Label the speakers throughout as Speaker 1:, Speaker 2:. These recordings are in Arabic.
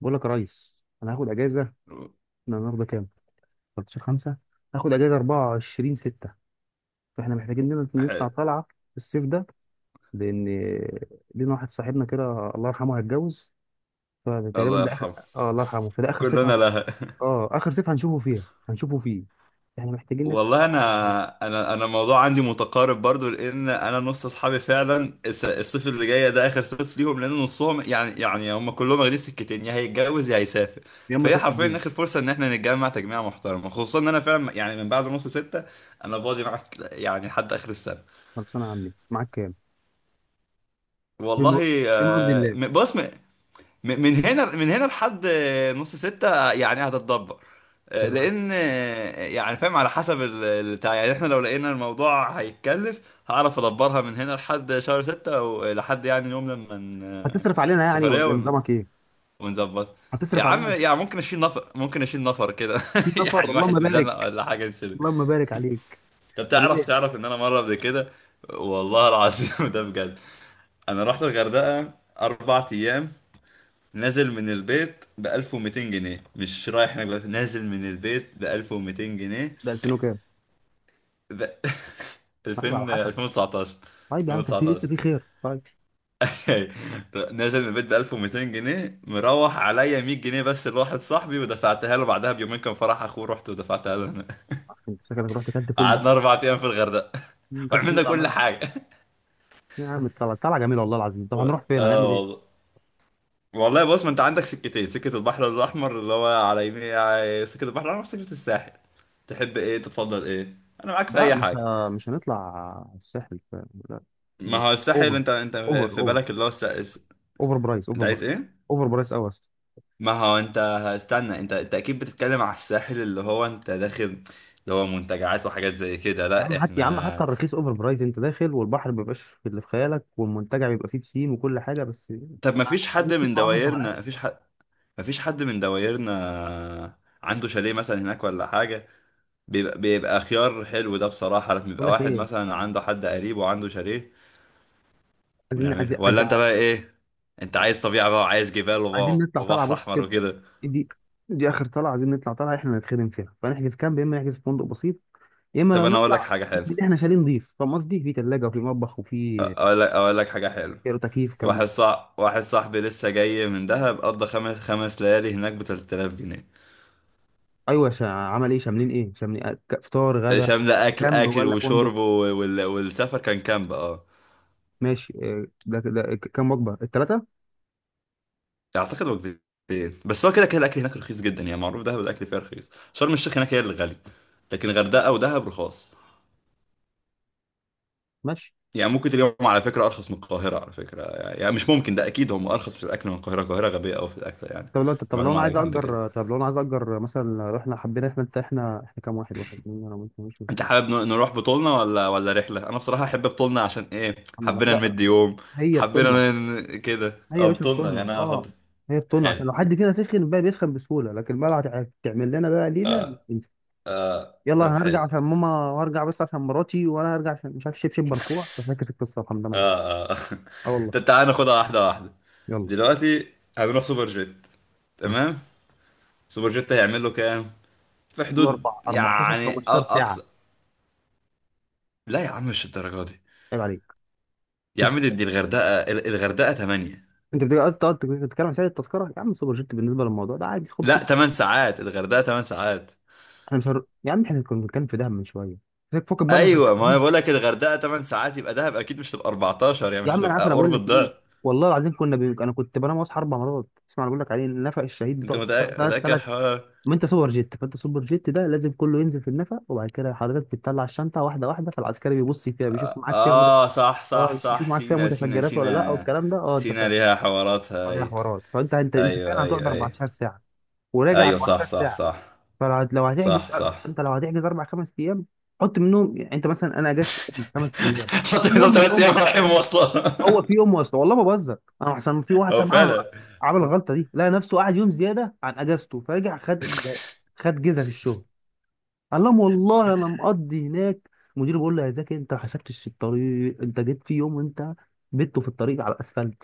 Speaker 1: بقول لك يا ريس انا هاخد اجازه. احنا النهارده كام؟ 13 5. هاخد اجازه 24 6، فاحنا محتاجين لنا
Speaker 2: حلو.
Speaker 1: نطلع طلعه في الصيف ده، لان لينا واحد صاحبنا كده الله يرحمه هيتجوز، فتقريبا
Speaker 2: الله
Speaker 1: ده اخر.
Speaker 2: يرحمه.
Speaker 1: اه الله يرحمه، فده اخر صيف
Speaker 2: كلنا لها.
Speaker 1: اه اخر صيف هنشوفه فيه. احنا محتاجين نطلع
Speaker 2: والله
Speaker 1: طلعه بدري
Speaker 2: انا الموضوع عندي متقارب برضو، لان انا نص اصحابي فعلا الصيف اللي جاي ده اخر صيف ليهم، لان نصهم يعني هم كلهم واخدين سكتين، يا هيتجوز يا هيسافر.
Speaker 1: يوم ما
Speaker 2: فهي
Speaker 1: يخش
Speaker 2: حرفيا اخر
Speaker 1: الجيش.
Speaker 2: فرصه ان احنا نتجمع تجميعه محترمه، خصوصا ان انا فعلا يعني من بعد نص ستة انا فاضي معاك يعني لحد اخر السنه.
Speaker 1: خلصانه يا عمي، معاك كام؟ بم-
Speaker 2: والله
Speaker 1: بمرضي
Speaker 2: آه،
Speaker 1: الله.
Speaker 2: بص. من هنا لحد نص ستة يعني هتتدبر. آه،
Speaker 1: حلو.
Speaker 2: لان آه، يعني فاهم على حسب البتاع. يعني احنا لو لقينا الموضوع هيتكلف هعرف ادبرها من هنا لحد شهر ستة ولحد يعني يوم لما
Speaker 1: هتصرف علينا يعني
Speaker 2: سفرية
Speaker 1: ولا نظامك ايه؟
Speaker 2: ونظبط. يا
Speaker 1: هتصرف
Speaker 2: عم
Speaker 1: علينا
Speaker 2: يعني ممكن اشيل نفر، ممكن اشيل نفر كده
Speaker 1: 60 نفر
Speaker 2: يعني،
Speaker 1: اللهم
Speaker 2: واحد مزنق
Speaker 1: بارك،
Speaker 2: ولا حاجة نشيله.
Speaker 1: اللهم بارك عليك.
Speaker 2: طب
Speaker 1: طب
Speaker 2: تعرف
Speaker 1: ايه؟
Speaker 2: تعرف ان انا مرة قبل كده، والله العظيم ده بجد. انا رحت الغردقة 4 ايام، نازل من البيت ب 1200 جنيه. مش رايح هناك بقى، نازل من البيت ب 1200 جنيه.
Speaker 1: ده 2000 وكام؟
Speaker 2: ب
Speaker 1: طيب، على
Speaker 2: 2000
Speaker 1: حسب.
Speaker 2: 2019.
Speaker 1: طيب يا عم، كان في لسه
Speaker 2: 2019.
Speaker 1: في خير طيب.
Speaker 2: نازل من البيت ب 1200 جنيه، مروح عليا 100 جنيه بس لواحد صاحبي ودفعتها له، بعدها بيومين كان فرح اخوه، رحت ودفعتها له هنا.
Speaker 1: انت شكلك رحت كلت فول بس.
Speaker 2: قعدنا 4 ايام في الغردقه
Speaker 1: مم، كلت فول
Speaker 2: وعملنا كل
Speaker 1: وطعميه.
Speaker 2: حاجه.
Speaker 1: يا عم طلع طلع جميل والله العظيم. طب
Speaker 2: و...
Speaker 1: هنروح فين؟
Speaker 2: اه
Speaker 1: هنعمل
Speaker 2: والله.
Speaker 1: ايه؟
Speaker 2: والله بص، ما انت عندك سكتين: سكة البحر الأحمر اللي هو على يمين سكة البحر الأحمر، سكة الساحل. تحب ايه؟ تتفضل ايه؟ انا معاك في
Speaker 1: لا
Speaker 2: اي حاجة.
Speaker 1: مش هنطلع الساحل لا.
Speaker 2: ما
Speaker 1: ما...
Speaker 2: هو الساحل
Speaker 1: اوفر.
Speaker 2: انت
Speaker 1: اوفر
Speaker 2: في
Speaker 1: اوفر
Speaker 2: بالك
Speaker 1: اوفر برايس، اوفر
Speaker 2: انت عايز
Speaker 1: برايس
Speaker 2: ايه؟
Speaker 1: اوفر برايس قوي اصلا.
Speaker 2: ما هو انت استنى، انت اكيد بتتكلم على الساحل اللي هو انت داخل، اللي هو منتجعات وحاجات زي كده.
Speaker 1: يا
Speaker 2: لا،
Speaker 1: عم حتى يا عم حتى
Speaker 2: احنا.
Speaker 1: الرخيص اوفر برايس، انت داخل والبحر ما بيبقاش في اللي في خيالك، والمنتجع بيبقى فيه بسين وكل حاجه بس.
Speaker 2: طب ما فيش
Speaker 1: عايزين
Speaker 2: حد
Speaker 1: نشوف
Speaker 2: من
Speaker 1: مناظر
Speaker 2: دوايرنا؟ ما
Speaker 1: طبيعيه.
Speaker 2: فيش حد؟ ما فيش حد من دوايرنا عنده شاليه مثلا هناك ولا حاجة؟ بيبقى, خيار حلو ده بصراحة، لما
Speaker 1: بقول
Speaker 2: يبقى
Speaker 1: لك
Speaker 2: واحد
Speaker 1: ايه،
Speaker 2: مثلا عنده حد قريب وعنده شاليه
Speaker 1: عايزين
Speaker 2: ونعملها.
Speaker 1: عايزين
Speaker 2: ولا
Speaker 1: عايزين
Speaker 2: انت بقى ايه؟ انت عايز طبيعة بقى وعايز جبال
Speaker 1: عايزين نطلع طالعه
Speaker 2: وبحر
Speaker 1: بص
Speaker 2: احمر
Speaker 1: كده.
Speaker 2: وكده؟
Speaker 1: دي دي اخر طلعه، عايزين نطلع طلعه احنا نتخدم فيها، فنحجز كامب يا اما نحجز في فندق بسيط، يا اما
Speaker 2: طب
Speaker 1: لو
Speaker 2: انا اقول لك
Speaker 1: نطلع
Speaker 2: حاجة
Speaker 1: نحجز
Speaker 2: حلوة.
Speaker 1: اللي احنا شايلين نضيف، فاهم قصدي؟ في ثلاجه وفي مطبخ وفي
Speaker 2: اقول لك حاجة حلوة.
Speaker 1: كيلو تكييف الكلام ده.
Speaker 2: واحد صاحبي لسه جاي من دهب قضى خمس ليالي هناك ب 3000 جنيه.
Speaker 1: ايوه، عمل ايه؟ شاملين ايه؟ شاملين فطار غدا؟
Speaker 2: شاملة
Speaker 1: حتى كامب
Speaker 2: اكل
Speaker 1: ولا فندق؟
Speaker 2: وشرب والسفر، كان كامب، اه.
Speaker 1: ماشي. آه، كام وجبه الثلاثه؟
Speaker 2: اعتقد وجبتين، بس هو كده كده الاكل هناك رخيص جدا. يعني معروف دهب الاكل فيها رخيص، شرم الشيخ هناك هي اللي غالي، لكن غردقة ودهب رخاص.
Speaker 1: ماشي.
Speaker 2: يعني ممكن اليوم على فكرة أرخص من القاهرة، على فكرة. يعني مش ممكن، ده أكيد هم أرخص في الأكل من القاهرة، القاهرة غبية أوي في الأكل يعني.
Speaker 1: طب لو
Speaker 2: دي
Speaker 1: طب لو
Speaker 2: معلومة على جنب كده.
Speaker 1: انا عايز اجر مثلا، لو احنا حبينا احنا انت احنا احنا كام واحد؟ واحد، اثنين، انا ممكن مش.
Speaker 2: أنت حابب نروح بطولنا ولا رحلة؟ أنا بصراحة أحب بطولنا، عشان إيه،
Speaker 1: محمد، لا
Speaker 2: حبينا
Speaker 1: لا،
Speaker 2: نمد يوم.
Speaker 1: هي بتمنع.
Speaker 2: كده
Speaker 1: هي يا
Speaker 2: أه
Speaker 1: باشا
Speaker 2: بطولنا يعني،
Speaker 1: الطنة،
Speaker 2: أنا
Speaker 1: اه،
Speaker 2: أفضل.
Speaker 1: هي الطنة
Speaker 2: حلو.
Speaker 1: عشان لو حد فينا سخن بقى بيسخن بسهولة، لكن بقى لو هتعمل لنا بقى ليلة مش
Speaker 2: أه
Speaker 1: هتنسى.
Speaker 2: أه
Speaker 1: يلا
Speaker 2: طب
Speaker 1: انا هرجع
Speaker 2: حلو.
Speaker 1: عشان ماما، وهرجع بس عشان مراتي، وانا هرجع عشان مش عارف شبشب مرفوع، ففاكر القصة الحمدانة دي.
Speaker 2: أه أه
Speaker 1: اه والله.
Speaker 2: طب تعالى ناخدها واحدة واحدة.
Speaker 1: يلا.
Speaker 2: دلوقتي هنروح سوبر جيت،
Speaker 1: ماشي.
Speaker 2: تمام؟ سوبر جيت هيعمل له كام؟ في
Speaker 1: كل
Speaker 2: حدود
Speaker 1: أربع، 14،
Speaker 2: يعني
Speaker 1: 15 ساعة.
Speaker 2: أقصى. لا يا عم مش الدرجة دي.
Speaker 1: عيب عليك.
Speaker 2: يا عم
Speaker 1: كنت-
Speaker 2: دي الغردقة الغردقة 8.
Speaker 1: انت بتقعد تقعد تتكلم عن سعر التذكرة؟ يا عم سوبر جيت بالنسبة للموضوع ده عادي
Speaker 2: لا،
Speaker 1: 500.
Speaker 2: 8 ساعات الغردقة، 8 ساعات.
Speaker 1: احنا مش هر... يا عم احنا كنا بنتكلم في دهب من شوية، فكك بقى من
Speaker 2: ايوه
Speaker 1: الغردقة
Speaker 2: ما انا
Speaker 1: دي.
Speaker 2: بقول لك الغردقة 8 ساعات، يبقى دهب اكيد مش هتبقى 14 يعني،
Speaker 1: يا
Speaker 2: مش
Speaker 1: عم انا عارف،
Speaker 2: هتبقى
Speaker 1: انا بقول
Speaker 2: قرب
Speaker 1: لك ايه.
Speaker 2: الضعف.
Speaker 1: والله العظيم انا كنت بنام واصحى اربع مرات اسمع. انا بقول لك عليه النفق الشهيد
Speaker 2: انت
Speaker 1: بتقعد ثلاث
Speaker 2: متأكد
Speaker 1: ثلاث
Speaker 2: حوار؟
Speaker 1: ما انت سوبر جيت، فانت سوبر جيت ده لازم كله ينزل في النفق، وبعد كده حضرتك بتطلع الشنطه واحده واحده، فالعسكري بيبص فيها بيشوف
Speaker 2: اه
Speaker 1: معاك فيها
Speaker 2: آه، صح
Speaker 1: اه
Speaker 2: صح
Speaker 1: مش بيشوف
Speaker 2: صح.
Speaker 1: معاك فيها
Speaker 2: سينا سينا
Speaker 1: متفجرات ولا لا
Speaker 2: سينا.
Speaker 1: والكلام ده، اه انت
Speaker 2: سينا
Speaker 1: فاهم.
Speaker 2: ليها حواراتها
Speaker 1: عليها
Speaker 2: اي.
Speaker 1: حوارات. فانت انت انت
Speaker 2: ايوه
Speaker 1: فعلا هتقعد
Speaker 2: ايوه ايوه.
Speaker 1: 14 ساعه وراجع
Speaker 2: ايوه صح
Speaker 1: 14
Speaker 2: صح
Speaker 1: ساعه.
Speaker 2: صح.
Speaker 1: فلو هتحجز،
Speaker 2: صح صح.
Speaker 1: انت لو هتحجز اربع خمس ايام، حط منهم يعني، انت مثلا انا اجازتي خمس ايام
Speaker 2: حط
Speaker 1: في يوم
Speaker 2: 3
Speaker 1: منهم.
Speaker 2: ايام رايحين مواصلة.
Speaker 1: هو في يوم واسطه، والله ما بهزر، انا احسن في واحد
Speaker 2: هو
Speaker 1: صاحبي عمل،
Speaker 2: فعلا.
Speaker 1: عمل الغلطه دي لقى نفسه قعد يوم زياده عن اجازته، فرجع خد، خد جزء في الشغل. قال لهم والله انا مقضي هناك. المدير بيقول له يا زكي، انت ما حسبتش الطريق؟ انت جيت في يوم وانت بيته في الطريق على الاسفلت.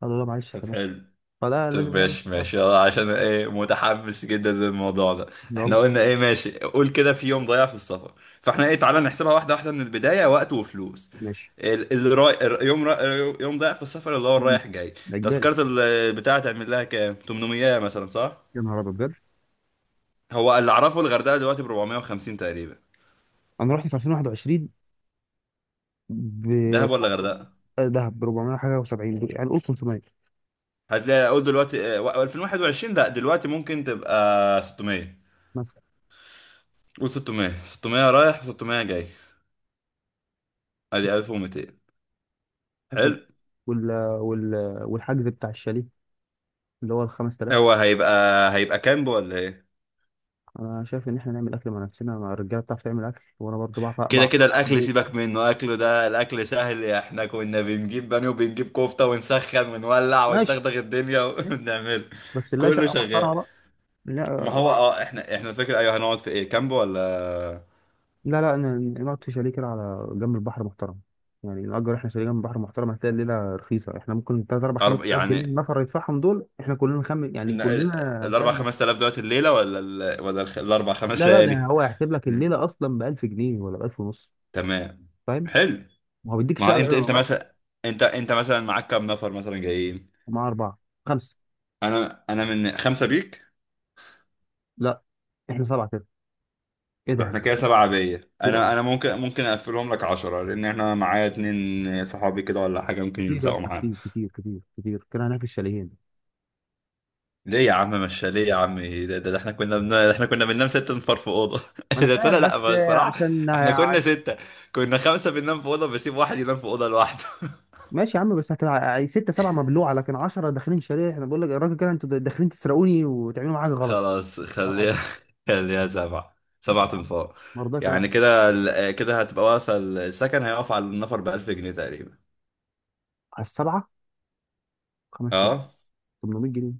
Speaker 1: قال له لا، معلش
Speaker 2: طب
Speaker 1: سامحني.
Speaker 2: حلو.
Speaker 1: فلا،
Speaker 2: طب
Speaker 1: لازم نعمل
Speaker 2: ماشي
Speaker 1: حساب.
Speaker 2: ماشي يلا، عشان ايه متحمس جدا للموضوع ده.
Speaker 1: يلا.
Speaker 2: احنا قلنا ايه؟ ماشي، قول كده في يوم ضايع في السفر. فاحنا ايه، تعالى نحسبها واحدة واحدة من البداية، وقت وفلوس.
Speaker 1: ماشي.
Speaker 2: ال- الراي... الر- يوم را... يوم ضايع في السفر اللي هو
Speaker 1: مم.
Speaker 2: الرايح جاي.
Speaker 1: ده اجباري.
Speaker 2: تذكرة بتاعة تعمل لها كام، 800 مثلا، صح؟
Speaker 1: يا نهار ابيض بجد.
Speaker 2: هو اللي اعرفه الغردقة دلوقتي ب 450 تقريبا.
Speaker 1: انا رحت في 2021 ب.
Speaker 2: دهب ولا غردقة؟
Speaker 1: دهب ب 400 حاجه و70، يعني قول 500
Speaker 2: هتلاقي، اقول دلوقتي اه، 2021، لا دلوقتي ممكن تبقى 600. قول 600. 600 رايح 600 جاي، ادي 1200.
Speaker 1: مثلا.
Speaker 2: حلو.
Speaker 1: وال... وال... والحجز بتاع الشاليه اللي هو ال 5000.
Speaker 2: هو هيبقى هيبقى كامب ولا ايه؟
Speaker 1: انا شايف ان احنا نعمل اكل مع نفسنا، ما الرجاله بتعرف تعمل اكل، وانا برضو بعرف،
Speaker 2: كده
Speaker 1: بعرف
Speaker 2: كده
Speaker 1: اعمل
Speaker 2: الاكل
Speaker 1: بيت يعني.
Speaker 2: سيبك منه، اكله، ده الاكل سهل، احنا كنا بنجيب بانيه وبنجيب كفته ونسخن ونولع
Speaker 1: ماشي،
Speaker 2: وندغدغ الدنيا
Speaker 1: ماشي،
Speaker 2: ونعمله.
Speaker 1: بس نلاقي
Speaker 2: كله
Speaker 1: شقه
Speaker 2: شغال.
Speaker 1: محترمه بقى.
Speaker 2: ما هو
Speaker 1: لا
Speaker 2: اه احنا فاكر ايوه هنقعد في ايه، كامب ولا
Speaker 1: لا لا، نقعد في شاليه كده على جنب البحر محترم، يعني نأجر احنا شاليه جنب البحر محترم، هتلاقي الليله رخيصه. احنا ممكن 3 4 5000 جنيه
Speaker 2: يعني،
Speaker 1: النفر يدفعهم دول، احنا كلنا خم يعني
Speaker 2: ن-
Speaker 1: كلنا
Speaker 2: الاربع
Speaker 1: فاهم.
Speaker 2: خمس تلاف دلوقتي الليله ولا الاربع خمس
Speaker 1: لا لا، ده
Speaker 2: ليالي؟
Speaker 1: هو هيحسب لك
Speaker 2: مم.
Speaker 1: الليله اصلا ب 1000 جنيه ولا ب 1000 ونص،
Speaker 2: تمام.
Speaker 1: فاهم؟
Speaker 2: حلو.
Speaker 1: وهو بيديك
Speaker 2: ما انت
Speaker 1: شقه بس.
Speaker 2: مثلا، انت مثلا معاك كام نفر مثلا جايين؟
Speaker 1: مع اربعه، خمسه.
Speaker 2: انا من خمسه بيك.
Speaker 1: لا، احنا سبعه. ايه ده؟
Speaker 2: احنا كده سبعة عادية،
Speaker 1: كتير قوي،
Speaker 2: انا ممكن، ممكن اقفلهم لك 10، لان احنا معايا اتنين صحابي كده ولا حاجة ممكن
Speaker 1: كتير يا
Speaker 2: يلزقوا
Speaker 1: اسطى،
Speaker 2: معانا.
Speaker 1: كتير كده هناك الشاليهين.
Speaker 2: ليه يا عم؟ مش ليه يا عم؟ ده احنا ده احنا كنا بننام 6 نفار في اوضة.
Speaker 1: ما انا
Speaker 2: ده
Speaker 1: فاهم،
Speaker 2: لا
Speaker 1: بس
Speaker 2: لا، بس الصراحة
Speaker 1: عشان
Speaker 2: احنا كنا ستة، كنا خمسة بننام في اوضة بسيب واحد ينام في اوضة لوحده.
Speaker 1: ماشي يا عم، بس هتبقى ستة سبعة مبلوعة، لكن 10 داخلين شاليه احنا بقول لك يا راجل كده انتوا داخلين تسرقوني وتعملوا معايا حاجة غلط.
Speaker 2: خلاص
Speaker 1: لا لا
Speaker 2: خليها،
Speaker 1: لا.
Speaker 2: خليها سبعة،
Speaker 1: لا
Speaker 2: سبعة
Speaker 1: سبعة يا عم.
Speaker 2: انفار
Speaker 1: ما رضاش
Speaker 2: يعني
Speaker 1: يلعب.
Speaker 2: كده كده هتبقى واقفة. السكن هيقف على النفر ب 1000 جنيه تقريبا.
Speaker 1: على السبعة 5000.
Speaker 2: اه.
Speaker 1: 800 جنيه.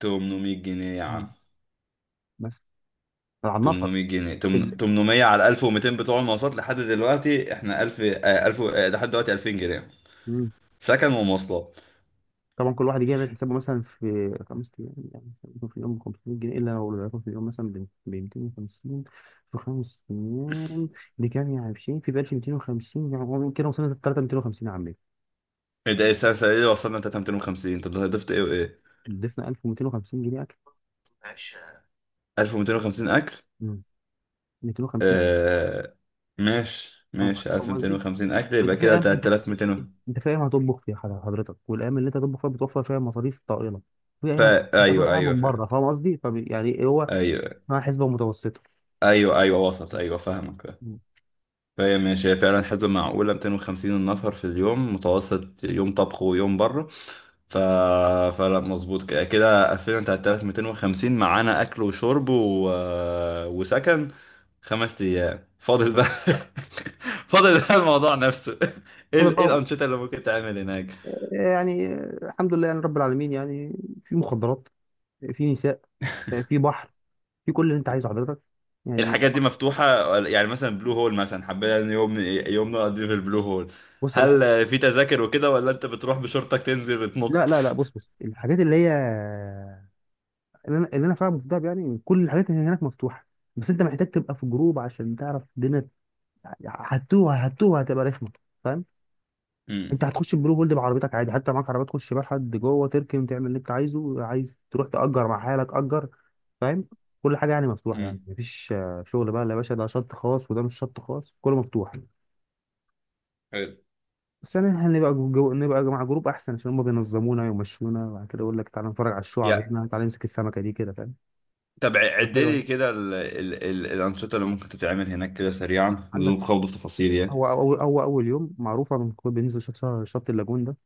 Speaker 2: 800 جنيه يا عم.
Speaker 1: مم. بس على النفر.
Speaker 2: 800 جنيه،
Speaker 1: في ال...
Speaker 2: 800 على 1200 بتوع المواصلات، لحد دلوقتي احنا 1000 آه، 1000 آه، لحد دلوقتي 2000 جنيه
Speaker 1: مم.
Speaker 2: سكن ومواصلات.
Speaker 1: طبعا كل واحد يجي يعمل حسابه، مثلا في خمس ايام يعني يكون في اليوم 500 جنيه، الا لو يكون في اليوم مثلا ب 250 في خمس ايام دي كام؟ يعني في شيء في ب 1250. يعني هو كده وصلنا ل 3250 يا عمي.
Speaker 2: انت ايه السنه؟ السنة دي وصلنا 3250، طب ضفت ايه وايه؟
Speaker 1: ضفنا 1250 جنيه اكل.
Speaker 2: 1250 اكل،
Speaker 1: مم. 250.
Speaker 2: اه. ماشي
Speaker 1: فاهم.
Speaker 2: ماشي،
Speaker 1: فاهم قصدي؟
Speaker 2: 1250 اكل
Speaker 1: وانت
Speaker 2: يبقى كده
Speaker 1: فاهم، انت
Speaker 2: 3200.
Speaker 1: انت فاهم هتطبخ فيها، حضرتك والايام اللي انت هتطبخ فيها بتوفر فيها مصاريف طائله. في ايام
Speaker 2: فا
Speaker 1: هتاكل
Speaker 2: ايوه
Speaker 1: فيها
Speaker 2: ايوه
Speaker 1: من
Speaker 2: فاهم.
Speaker 1: بره، فاهم قصدي؟ يعني إيه، هو
Speaker 2: ايوه
Speaker 1: اسمها حسبه متوسطه.
Speaker 2: ايوه ايوه وصلت، ايوه فاهمك.
Speaker 1: مم.
Speaker 2: فهي ماشي، هي فعلا حسبة معقولة. 250 نفر في اليوم، متوسط يوم طبخ ويوم بره. ف... فلا مظبوط. كده قفلنا على 3250 معانا أكل وشرب وسكن. خمس أيام فاضل بقى. فاضل بقى الموضوع نفسه. ايه
Speaker 1: اتفضل
Speaker 2: إيه
Speaker 1: بقى.
Speaker 2: الأنشطة اللي ممكن تعمل هناك؟
Speaker 1: يعني الحمد لله يعني رب العالمين يعني. في مخدرات، في نساء، في بحر، في كل اللي انت عايزه حضرتك، يعني
Speaker 2: الحاجات دي
Speaker 1: طبعا.
Speaker 2: مفتوحة يعني، مثلا بلو هول مثلا حبينا إن يوم، يوم نقضيه في البلو هول.
Speaker 1: بص يا باشا.
Speaker 2: هل في تذاكر وكده، ولا انت بتروح بشورتك تنزل
Speaker 1: لا
Speaker 2: تنط؟
Speaker 1: لا لا، بص الحاجات اللي هي، اللي انا فاهمه في دهب يعني كل الحاجات اللي هناك مفتوحه. بس انت محتاج تبقى في جروب عشان تعرف الدنيا، هتوه هتبقى رخمه، فاهم؟ انت هتخش البلو هولد بعربيتك عادي، حتى معاك عربيه تخش بيها حد جوه، تركن تعمل اللي انت عايزه، عايز تروح تأجر مع حالك أجر، فاهم؟ كل حاجه يعني مفتوحه، يعني
Speaker 2: امم،
Speaker 1: مفيش شغل بقى لا يا باشا ده شط خاص وده مش شط خاص، كله مفتوح.
Speaker 2: حلو.
Speaker 1: بس يعني احنا نبقى نبقى مع جروب احسن، عشان هم بينظمونا ويمشونا، وبعد كده يقول لك تعالى نتفرج على الشعب
Speaker 2: يا
Speaker 1: هنا، تعالى نمسك السمكه دي كده، فاهم؟
Speaker 2: طب
Speaker 1: تبقى
Speaker 2: عد
Speaker 1: حلوه
Speaker 2: لي
Speaker 1: يعني.
Speaker 2: كده الأنشطة اللي ممكن تتعمل هناك كده سريعا
Speaker 1: عندك،
Speaker 2: بدون خوض في تفاصيل يعني.
Speaker 1: هو اول يوم معروفه بنكون بننزل شط اللاجون ده،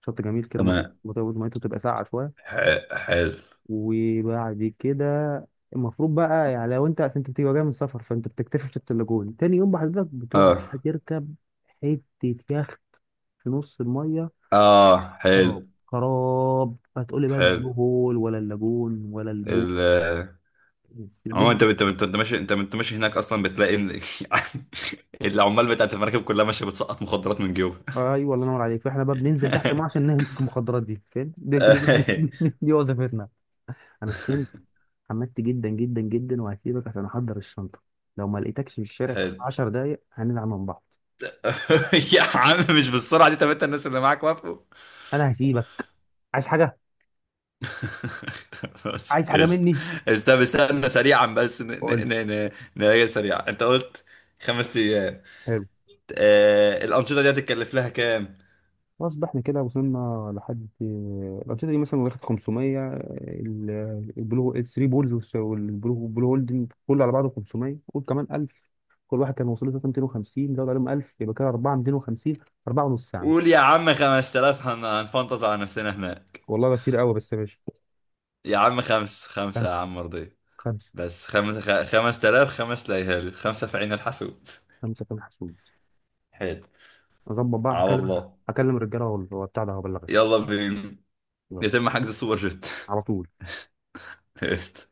Speaker 1: شط جميل كده،
Speaker 2: تمام.
Speaker 1: ميته بتبقى ساقعه شويه.
Speaker 2: حلو.
Speaker 1: وبعد كده المفروض بقى، يعني لو انت اصل انت بتبقى جاي من سفر، فانت بتكتشف شط اللاجون تاني يوم، بحضرتك بتروح
Speaker 2: اه
Speaker 1: تركب حتة يخت في نص المية،
Speaker 2: اه. حلو.
Speaker 1: خراب خراب. هتقولي بقى
Speaker 2: حلو.
Speaker 1: البلو هول ولا اللاجون ولا البو
Speaker 2: ال.
Speaker 1: دي
Speaker 2: عموما
Speaker 1: بقى-
Speaker 2: انت ماشي هناك، اصلا بتلاقي ان العمال بتاعت المراكب كلها ماشيه بتسقط مخدرات من جيوبها.
Speaker 1: ايوه الله ينور عليك. فاحنا بقى بننزل تحت الميه عشان نمسك المخدرات دي، فاهم؟ دي وظيفتنا. انا سخنت، حمدت جدا جدا جدا، وهسيبك عشان احضر الشنطه. لو ما لقيتكش في الشارع في
Speaker 2: حلو.
Speaker 1: 10 دقايق هنزعل من بعض.
Speaker 2: يا عم مش بالسرعه دي، طب انت الناس اللي معاك وافقوا؟
Speaker 1: انا هسيبك. عايز حاجه؟
Speaker 2: بس
Speaker 1: عايز حاجه
Speaker 2: قشطة.
Speaker 1: مني؟
Speaker 2: قشطة، بس استنى سريعا، بس
Speaker 1: قول لي.
Speaker 2: نراجع سريعا، انت قلت خمس ايام
Speaker 1: حلو.
Speaker 2: آه الانشطة دي هتتكلف لها كام؟
Speaker 1: خلاص بقى احنا كده وصلنا لحد الأنشطة دي، مثلا واخد 500 ال، البلو الثري بولز والبلو هولدنج كله على بعضه 500، قول كمان 1000. كل واحد كان وصل له 250، زود عليهم 1000، يبقى كده 4 250، 4 ونص يا عم.
Speaker 2: قول يا عم 5000 هنفنطز على نفسنا هناك.
Speaker 1: والله ده كتير قوي، بس ماشي.
Speaker 2: يا عم خمسة يا
Speaker 1: خمسة.
Speaker 2: عم مرضي.
Speaker 1: خمسة.
Speaker 2: بس 5000 خمس ليالي، خمسة في عين الحسود.
Speaker 1: خمسة كان حسود.
Speaker 2: حلو.
Speaker 1: أظبط بقى،
Speaker 2: على
Speaker 1: هكلم
Speaker 2: الله.
Speaker 1: هكلم الرجالة وبتاع ده وأبلغك.
Speaker 2: يلا بينا،
Speaker 1: يلا.
Speaker 2: يتم حجز السوبر جيت.
Speaker 1: على طول.
Speaker 2: قشطة.